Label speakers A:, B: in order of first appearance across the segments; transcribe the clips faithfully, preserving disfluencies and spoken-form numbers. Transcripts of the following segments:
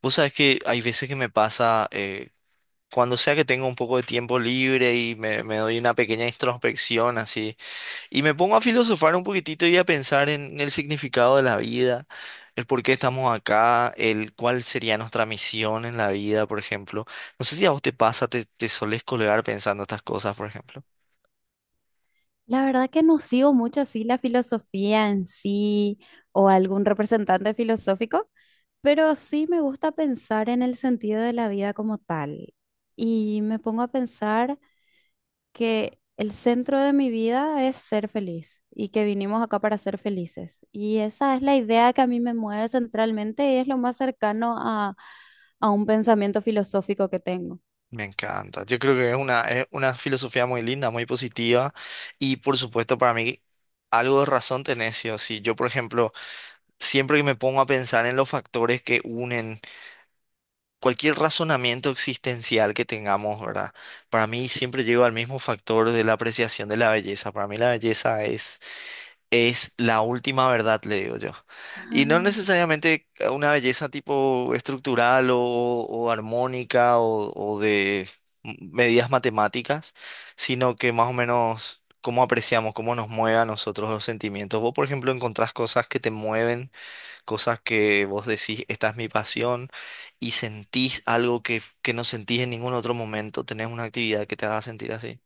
A: Vos sabés que hay veces que me pasa, eh, cuando sea que tengo un poco de tiempo libre y me, me doy una pequeña introspección así, y me pongo a filosofar un poquitito y a pensar en el significado de la vida, el por qué estamos acá, el cuál sería nuestra misión en la vida, por ejemplo. No sé si a vos te pasa, te, te solés colgar pensando estas cosas, por ejemplo.
B: La verdad que no sigo mucho así la filosofía en sí o algún representante filosófico, pero sí me gusta pensar en el sentido de la vida como tal. Y me pongo a pensar que el centro de mi vida es ser feliz y que vinimos acá para ser felices. Y esa es la idea que a mí me mueve centralmente y es lo más cercano a, a un pensamiento filosófico que tengo.
A: Me encanta. Yo creo que es una, es una filosofía muy linda, muy positiva, y por supuesto para mí. Algo de razón tenés, sí o sí. Yo, por ejemplo, Siempre que me pongo a pensar en los factores que unen cualquier razonamiento existencial que tengamos, ¿verdad? Para mí siempre llego al mismo factor de la apreciación de la belleza. Para mí la belleza es, es la última verdad, le digo yo. Y no
B: Ah,
A: necesariamente una belleza tipo estructural o, o armónica o, o de medidas matemáticas, sino que más o menos cómo apreciamos, cómo nos mueve a nosotros los sentimientos. Vos, por ejemplo, encontrás cosas que te mueven cosas que vos decís, esta es mi pasión, y sentís algo que, que no sentís en ningún otro momento, tenés una actividad que te haga sentir así.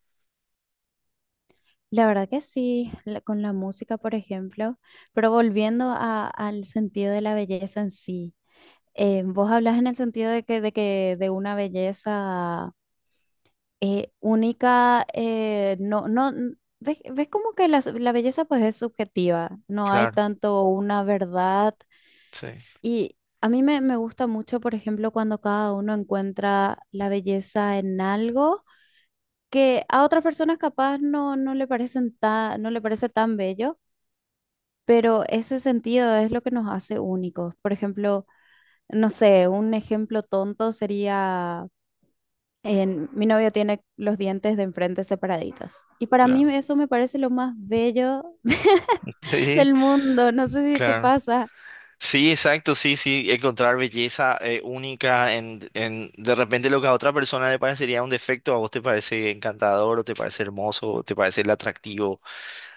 B: la verdad que sí, la- con la música, por ejemplo, pero volviendo a- al sentido de la belleza en sí, eh, vos hablas en el sentido de que de, que, de una belleza eh, única, eh, no, no, n- ves, ves como que la, la belleza pues es subjetiva, no hay
A: Claro,
B: tanto una verdad.
A: sí.
B: Y a mí me, me gusta mucho, por ejemplo, cuando cada uno encuentra la belleza en algo que a otras personas capaz no, no le parecen ta- no le parece tan bello. Pero ese sentido es lo que nos hace únicos. Por ejemplo, no sé, un ejemplo tonto sería, en, mi novio tiene los dientes de enfrente separaditos. Y para mí
A: Claro.
B: eso me parece lo más bello
A: Sí,
B: del mundo. No sé si te
A: claro.
B: pasa.
A: Sí, exacto, sí, sí, encontrar belleza eh, única en, en de repente lo que a otra persona le parecería un defecto, a vos te parece encantador o te parece hermoso o te parece atractivo.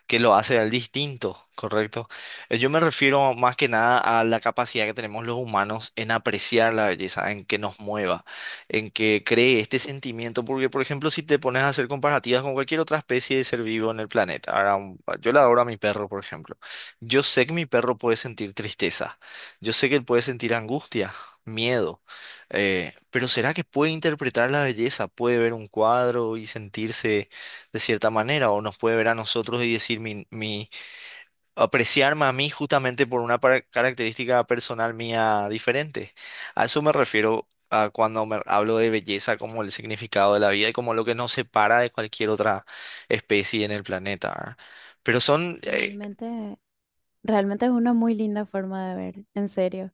A: Que lo hace al distinto, ¿correcto? Eh, Yo me refiero más que nada a la capacidad que tenemos los humanos en apreciar la belleza, en que nos mueva, en que cree este sentimiento, porque por ejemplo, si te pones a hacer comparativas con cualquier otra especie de ser vivo en el planeta, ahora, un- yo le adoro a mi perro, por ejemplo, yo sé que mi perro puede sentir tristeza, yo sé que él puede sentir angustia, miedo, eh, pero ¿será que puede interpretar la belleza? ¿Puede ver un cuadro y sentirse de cierta manera, o nos puede ver a nosotros y decir mi, mi apreciarme a mí justamente por una par- característica personal mía diferente? A eso me refiero a cuando me hablo de belleza como el significado de la vida y como lo que nos separa de cualquier otra especie en el planeta, ¿verdad? Pero son, eh,
B: Realmente Realmente es una muy linda forma de ver, en serio,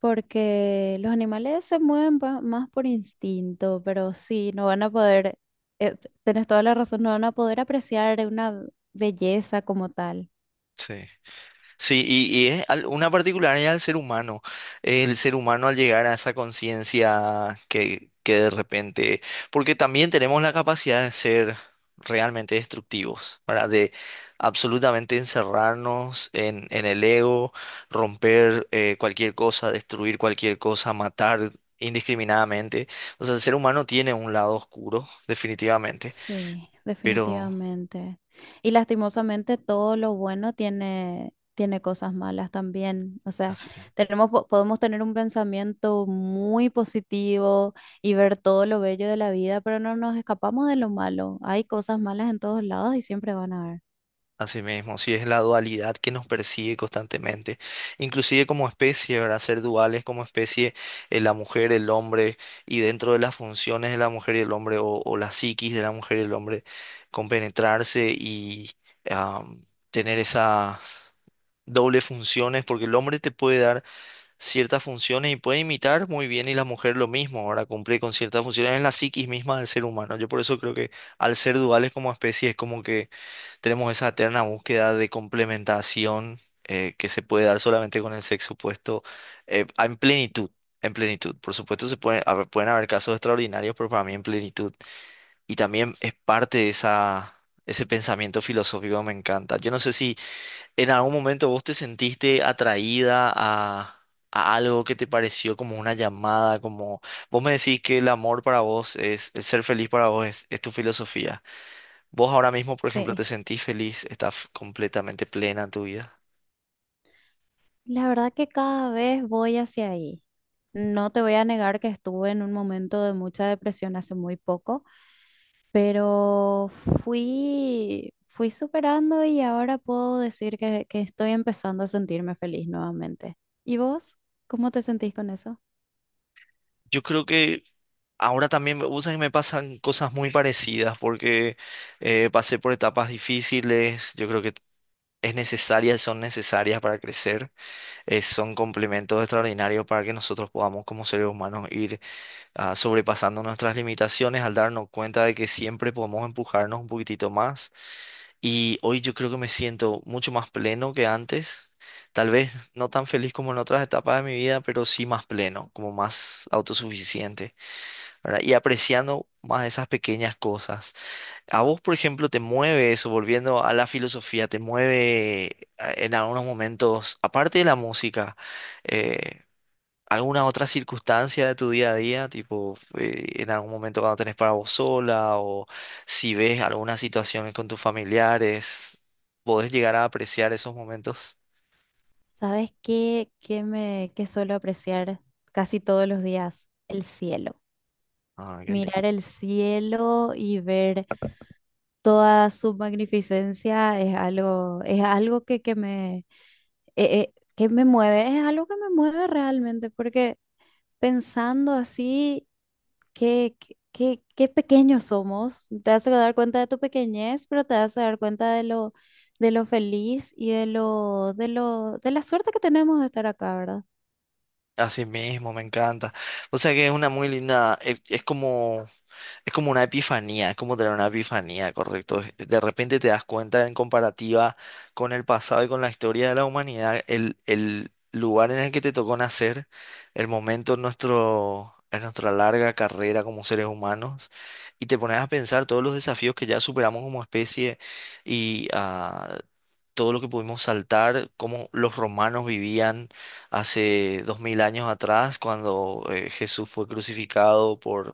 B: porque los animales se mueven pa- más por instinto, pero sí, no van a poder, eh, t- tenés toda la razón, no van a poder apreciar una belleza como tal.
A: sí. Sí, y, y es al- una particularidad del ser humano. El ser humano al llegar a esa conciencia que, que de repente, porque también tenemos la capacidad de ser realmente destructivos, ¿verdad? De absolutamente encerrarnos en, en el ego, romper eh, cualquier cosa, destruir cualquier cosa, matar indiscriminadamente. O sea, el ser humano tiene un lado oscuro, definitivamente,
B: Sí,
A: pero.
B: definitivamente. Y lastimosamente todo lo bueno tiene, tiene cosas malas también. O
A: Ah,
B: sea,
A: sí.
B: tenemos, po- podemos tener un pensamiento muy positivo y ver todo lo bello de la vida, pero no nos escapamos de lo malo. Hay cosas malas en todos lados y siempre van a haber.
A: Así mismo, sí es la dualidad que nos persigue constantemente, inclusive como especie, ¿verdad? Ser duales como especie, eh, la mujer, el hombre, y dentro de las funciones de la mujer y el hombre, o, o la psiquis de la mujer y el hombre, compenetrarse y am, tener esas dobles funciones, porque el hombre te puede dar ciertas funciones y puede imitar muy bien, y la mujer lo mismo, ahora cumple con ciertas funciones en la psiquis misma del ser humano. Yo por eso creo que al ser duales como especie es como que tenemos esa eterna búsqueda de complementación eh, que se puede dar solamente con el sexo opuesto eh, en plenitud. En plenitud. Por supuesto, se pueden haber, pueden haber casos extraordinarios, pero para mí en plenitud. Y también es parte de esa, ese pensamiento filosófico que me encanta. Yo no sé si en algún momento vos te sentiste atraída a, a algo que te pareció como una llamada, como vos me decís que el amor para vos es, el ser feliz para vos es, es tu filosofía. Vos ahora mismo, por ejemplo, te
B: Sí,
A: sentís feliz, estás completamente plena en tu vida.
B: la verdad que cada vez voy hacia ahí. No te voy a negar que estuve en un momento de mucha depresión hace muy poco, pero fui, fui superando y ahora puedo decir que, que estoy empezando a sentirme feliz nuevamente. ¿Y vos? ¿Cómo te sentís con eso?
A: Yo creo que ahora también, me- vos sabés que me pasan cosas muy parecidas porque eh, pasé por etapas difíciles. Yo creo que es necesaria, son necesarias para crecer. eh, son complementos extraordinarios para que nosotros podamos, como seres humanos, ir ah, sobrepasando nuestras limitaciones al darnos cuenta de que siempre podemos empujarnos un poquitito más. Y hoy yo creo que me siento mucho más pleno que antes. Tal vez no tan feliz como en otras etapas de mi vida, pero sí más pleno, como más autosuficiente, ¿verdad? Y apreciando más esas pequeñas cosas. A vos, por ejemplo, te mueve eso, volviendo a la filosofía, te mueve eh, en algunos momentos, aparte de la música, eh, alguna otra circunstancia de tu día a día, tipo eh, en algún momento cuando tenés para vos sola o si ves alguna situación con tus familiares, podés llegar a apreciar esos momentos.
B: ¿Sabes qué, qué me, qué suelo apreciar casi todos los días? El cielo.
A: Ah, qué lindo.
B: Mirar el cielo y ver toda su magnificencia es algo, es algo que, que me, eh, eh, que me mueve, es algo que me mueve realmente, porque pensando así. Qué, qué, qué- qué pequeños somos. Te vas a dar cuenta de tu pequeñez, pero te vas a dar cuenta de lo, de lo feliz y de lo, de lo, de la suerte que tenemos de estar acá, ¿verdad?
A: Así mismo, me encanta. O sea que es una muy linda, e- es, como Es como una epifanía, es como tener una epifanía, correcto. De repente te das cuenta en comparativa con el pasado y con la historia de la humanidad, el, el lugar en el que te tocó nacer, el momento en nuestro, en nuestra larga carrera como seres humanos, y te pones a pensar todos los desafíos que ya superamos como especie y ah, todo lo que pudimos saltar, cómo los romanos vivían hace dos mil años atrás, cuando eh, Jesús fue crucificado por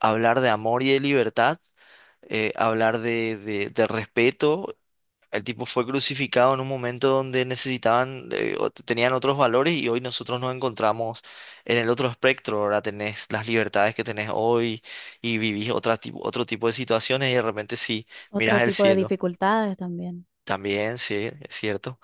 A: hablar de amor y de libertad, eh, hablar de, de- de respeto. El tipo fue crucificado en un momento donde necesitaban, eh, o t- tenían otros valores y hoy nosotros nos encontramos en el otro espectro. Ahora tenés las libertades que tenés hoy y vivís otra, ti- otro tipo de situaciones y de repente sí, mirás
B: Otro
A: el
B: tipo de
A: cielo.
B: dificultades también.
A: También, sí, es cierto.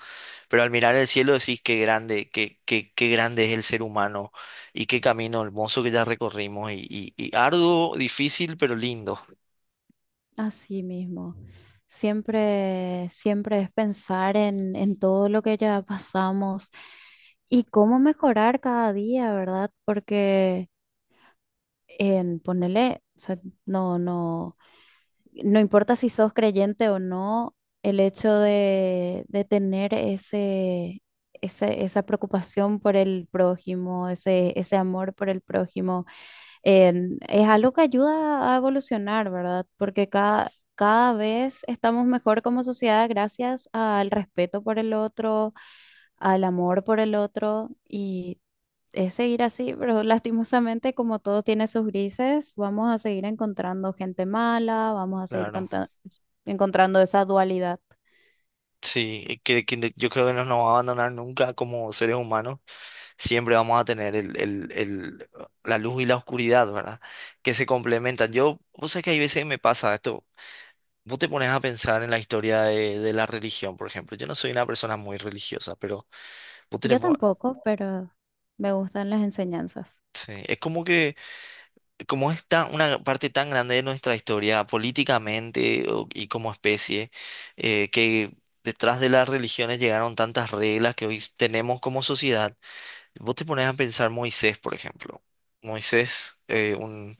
A: Pero al mirar el cielo decís qué grande, qué, qué, qué grande es el ser humano y qué camino hermoso que ya recorrimos y, y y arduo, difícil, pero lindo.
B: Así mismo. Siempre, siempre es pensar en, en todo lo que ya pasamos y cómo mejorar cada día, ¿verdad? Porque en ponerle, no, no, no importa si sos creyente o no, el hecho de, de tener ese, ese- esa preocupación por el prójimo, ese, ese amor por el prójimo, en- es algo que ayuda a evolucionar, ¿verdad? Porque cada, cada vez estamos mejor como sociedad gracias al respeto por el otro, al amor por el otro y es seguir así, pero lastimosamente como todo tiene sus grises, vamos a seguir encontrando gente mala, vamos a seguir
A: Claro,
B: conta- encontrando esa dualidad.
A: sí, y que, que yo creo que no nos va a abandonar nunca como seres humanos, siempre vamos a tener el, el, el, la luz y la oscuridad, ¿verdad? Que se complementan. Yo, vos sabés que hay veces que me pasa esto, vos te pones a pensar en la historia de, de la religión, por ejemplo, yo no soy una persona muy religiosa, pero vos tenés,
B: Yo tampoco, pero me gustan las enseñanzas.
A: sí, es como que como es tan- una parte tan grande de nuestra historia políticamente o- y como especie, eh, que detrás de las religiones llegaron tantas reglas que hoy tenemos como sociedad, vos te pones a pensar Moisés, por ejemplo. Moisés, eh, un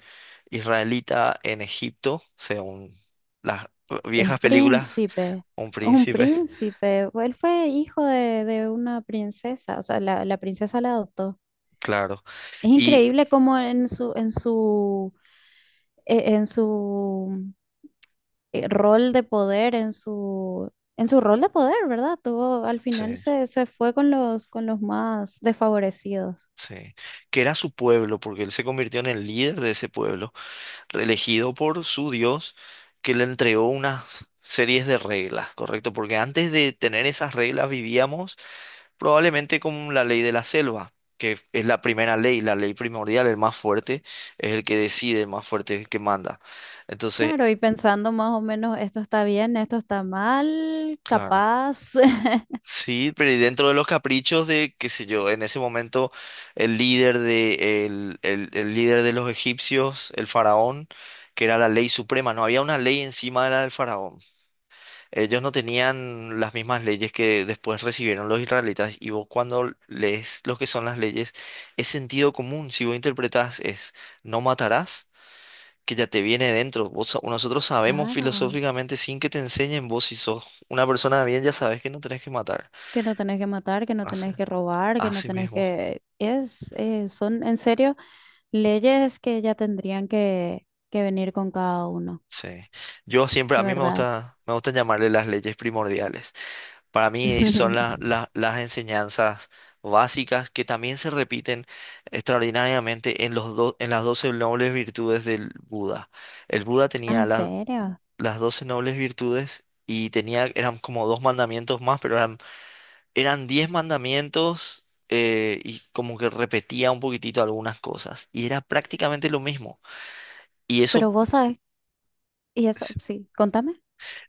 A: israelita en Egipto, según las
B: Un
A: viejas películas,
B: príncipe,
A: un
B: un
A: príncipe,
B: príncipe, él fue hijo de, de una princesa, o sea, la, la princesa la adoptó.
A: claro.
B: Es
A: Y
B: increíble cómo en su, en su, e- en su eh, rol de poder en su, en su rol de poder, ¿verdad? Tuvo, al
A: sí,
B: final se, se fue con los, con los más desfavorecidos.
A: sí, que era su pueblo, porque él se convirtió en el líder de ese pueblo, elegido por su Dios, que le entregó unas series de reglas, ¿correcto? Porque antes de tener esas reglas vivíamos probablemente con la ley de la selva, que es la primera ley, la ley primordial, el más fuerte es el que decide, el más fuerte es el que manda. Entonces,
B: Claro, y pensando más o menos, esto está bien, esto está mal,
A: claro.
B: capaz.
A: Sí, pero y dentro de los caprichos de, qué sé yo, en ese momento el líder de, el, el- el líder de los egipcios, el faraón, que era la ley suprema, no había una ley encima de la del faraón. Ellos no tenían las mismas leyes que después recibieron los israelitas y vos cuando lees lo que son las leyes es sentido común. Si vos interpretás es no matarás, que ya te viene dentro. Vos, sa- nosotros sabemos
B: Claro,
A: filosóficamente sin que te enseñen vos si sos una persona de bien ya sabes que no tenés que matar.
B: que no tenés que matar, que no
A: Así,
B: tenés que robar, que no
A: así
B: tenés
A: mismo.
B: que... Es, eh, son en serio leyes que ya tendrían que, que venir con cada uno,
A: Sí. Yo siempre,
B: de
A: a mí me
B: verdad.
A: gusta, me gusta llamarle las leyes primordiales. Para mí eh, son la- la- las enseñanzas básicas que también se repiten extraordinariamente en los do- en las doce nobles virtudes del Buda. El Buda
B: Ah,
A: tenía
B: ¿en
A: las
B: serio?
A: las doce nobles virtudes y tenía, eran como dos mandamientos más, pero eran, eran diez mandamientos eh, y como que repetía un poquitito algunas cosas. Y era prácticamente lo mismo. Y eso.
B: Pero vos sabés, y eso, sí, contame.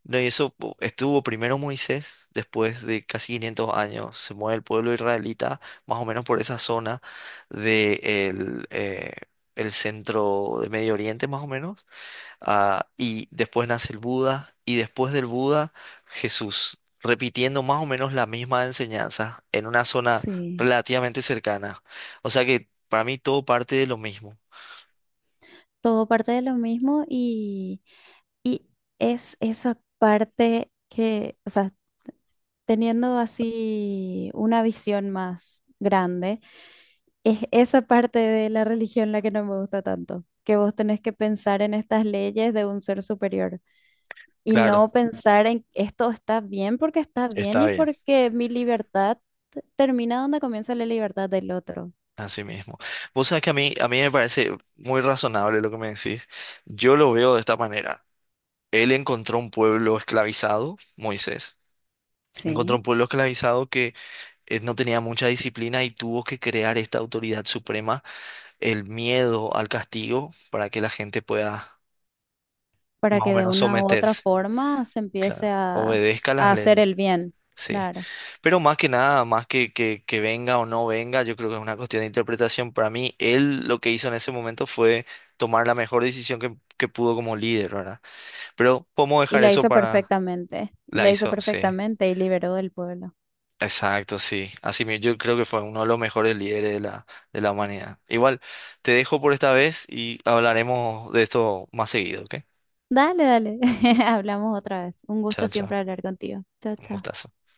A: No, y eso pu- estuvo primero Moisés, después de casi quinientos años, se mueve el pueblo israelita, más o menos por esa zona de el, eh, el centro de Medio Oriente, más o menos, ah, y después nace el Buda, y después del Buda, Jesús, repitiendo más o menos la misma enseñanza en una zona
B: Sí,
A: relativamente cercana. O sea que para mí todo parte de lo mismo.
B: todo parte de lo mismo y, y es esa parte que, o sea, teniendo así una visión más grande, es esa parte de la religión la que no me gusta tanto, que vos tenés que pensar en estas leyes de un ser superior y
A: Claro,
B: no pensar en esto está bien porque está bien
A: está
B: y
A: bien.
B: porque mi libertad termina donde comienza la libertad del otro.
A: Así mismo. Vos sabés que a mí, a mí me parece muy razonable lo que me decís. Yo lo veo de esta manera. Él encontró un pueblo esclavizado, Moisés. Encontró un
B: Sí,
A: pueblo esclavizado que eh, no tenía mucha disciplina y tuvo que crear esta autoridad suprema, el miedo al castigo, para que la gente pueda
B: para
A: más o
B: que de
A: menos
B: una u otra
A: someterse.
B: forma se empiece
A: Claro.
B: a,
A: Obedezca las
B: a hacer
A: leyes.
B: el bien,
A: Sí.
B: claro.
A: Pero más que nada, más que, que, que venga o no venga, yo creo que es una cuestión de interpretación. Para mí, él lo que hizo en ese momento fue tomar la mejor decisión que, que pudo como líder, ¿verdad? Pero podemos
B: Y
A: dejar
B: la
A: eso
B: hizo
A: para.
B: perfectamente, y
A: La
B: la hizo
A: hizo, sí.
B: perfectamente y liberó el pueblo.
A: Exacto, sí. Así mismo, yo creo que fue uno de los mejores líderes de la, de la humanidad. Igual, te dejo por esta vez y hablaremos de esto más seguido, ¿ok?
B: Dale, dale, hablamos otra vez. Un
A: Chao,
B: gusto
A: chao.
B: siempre hablar contigo. Chao,
A: Un
B: chao.
A: gustazo.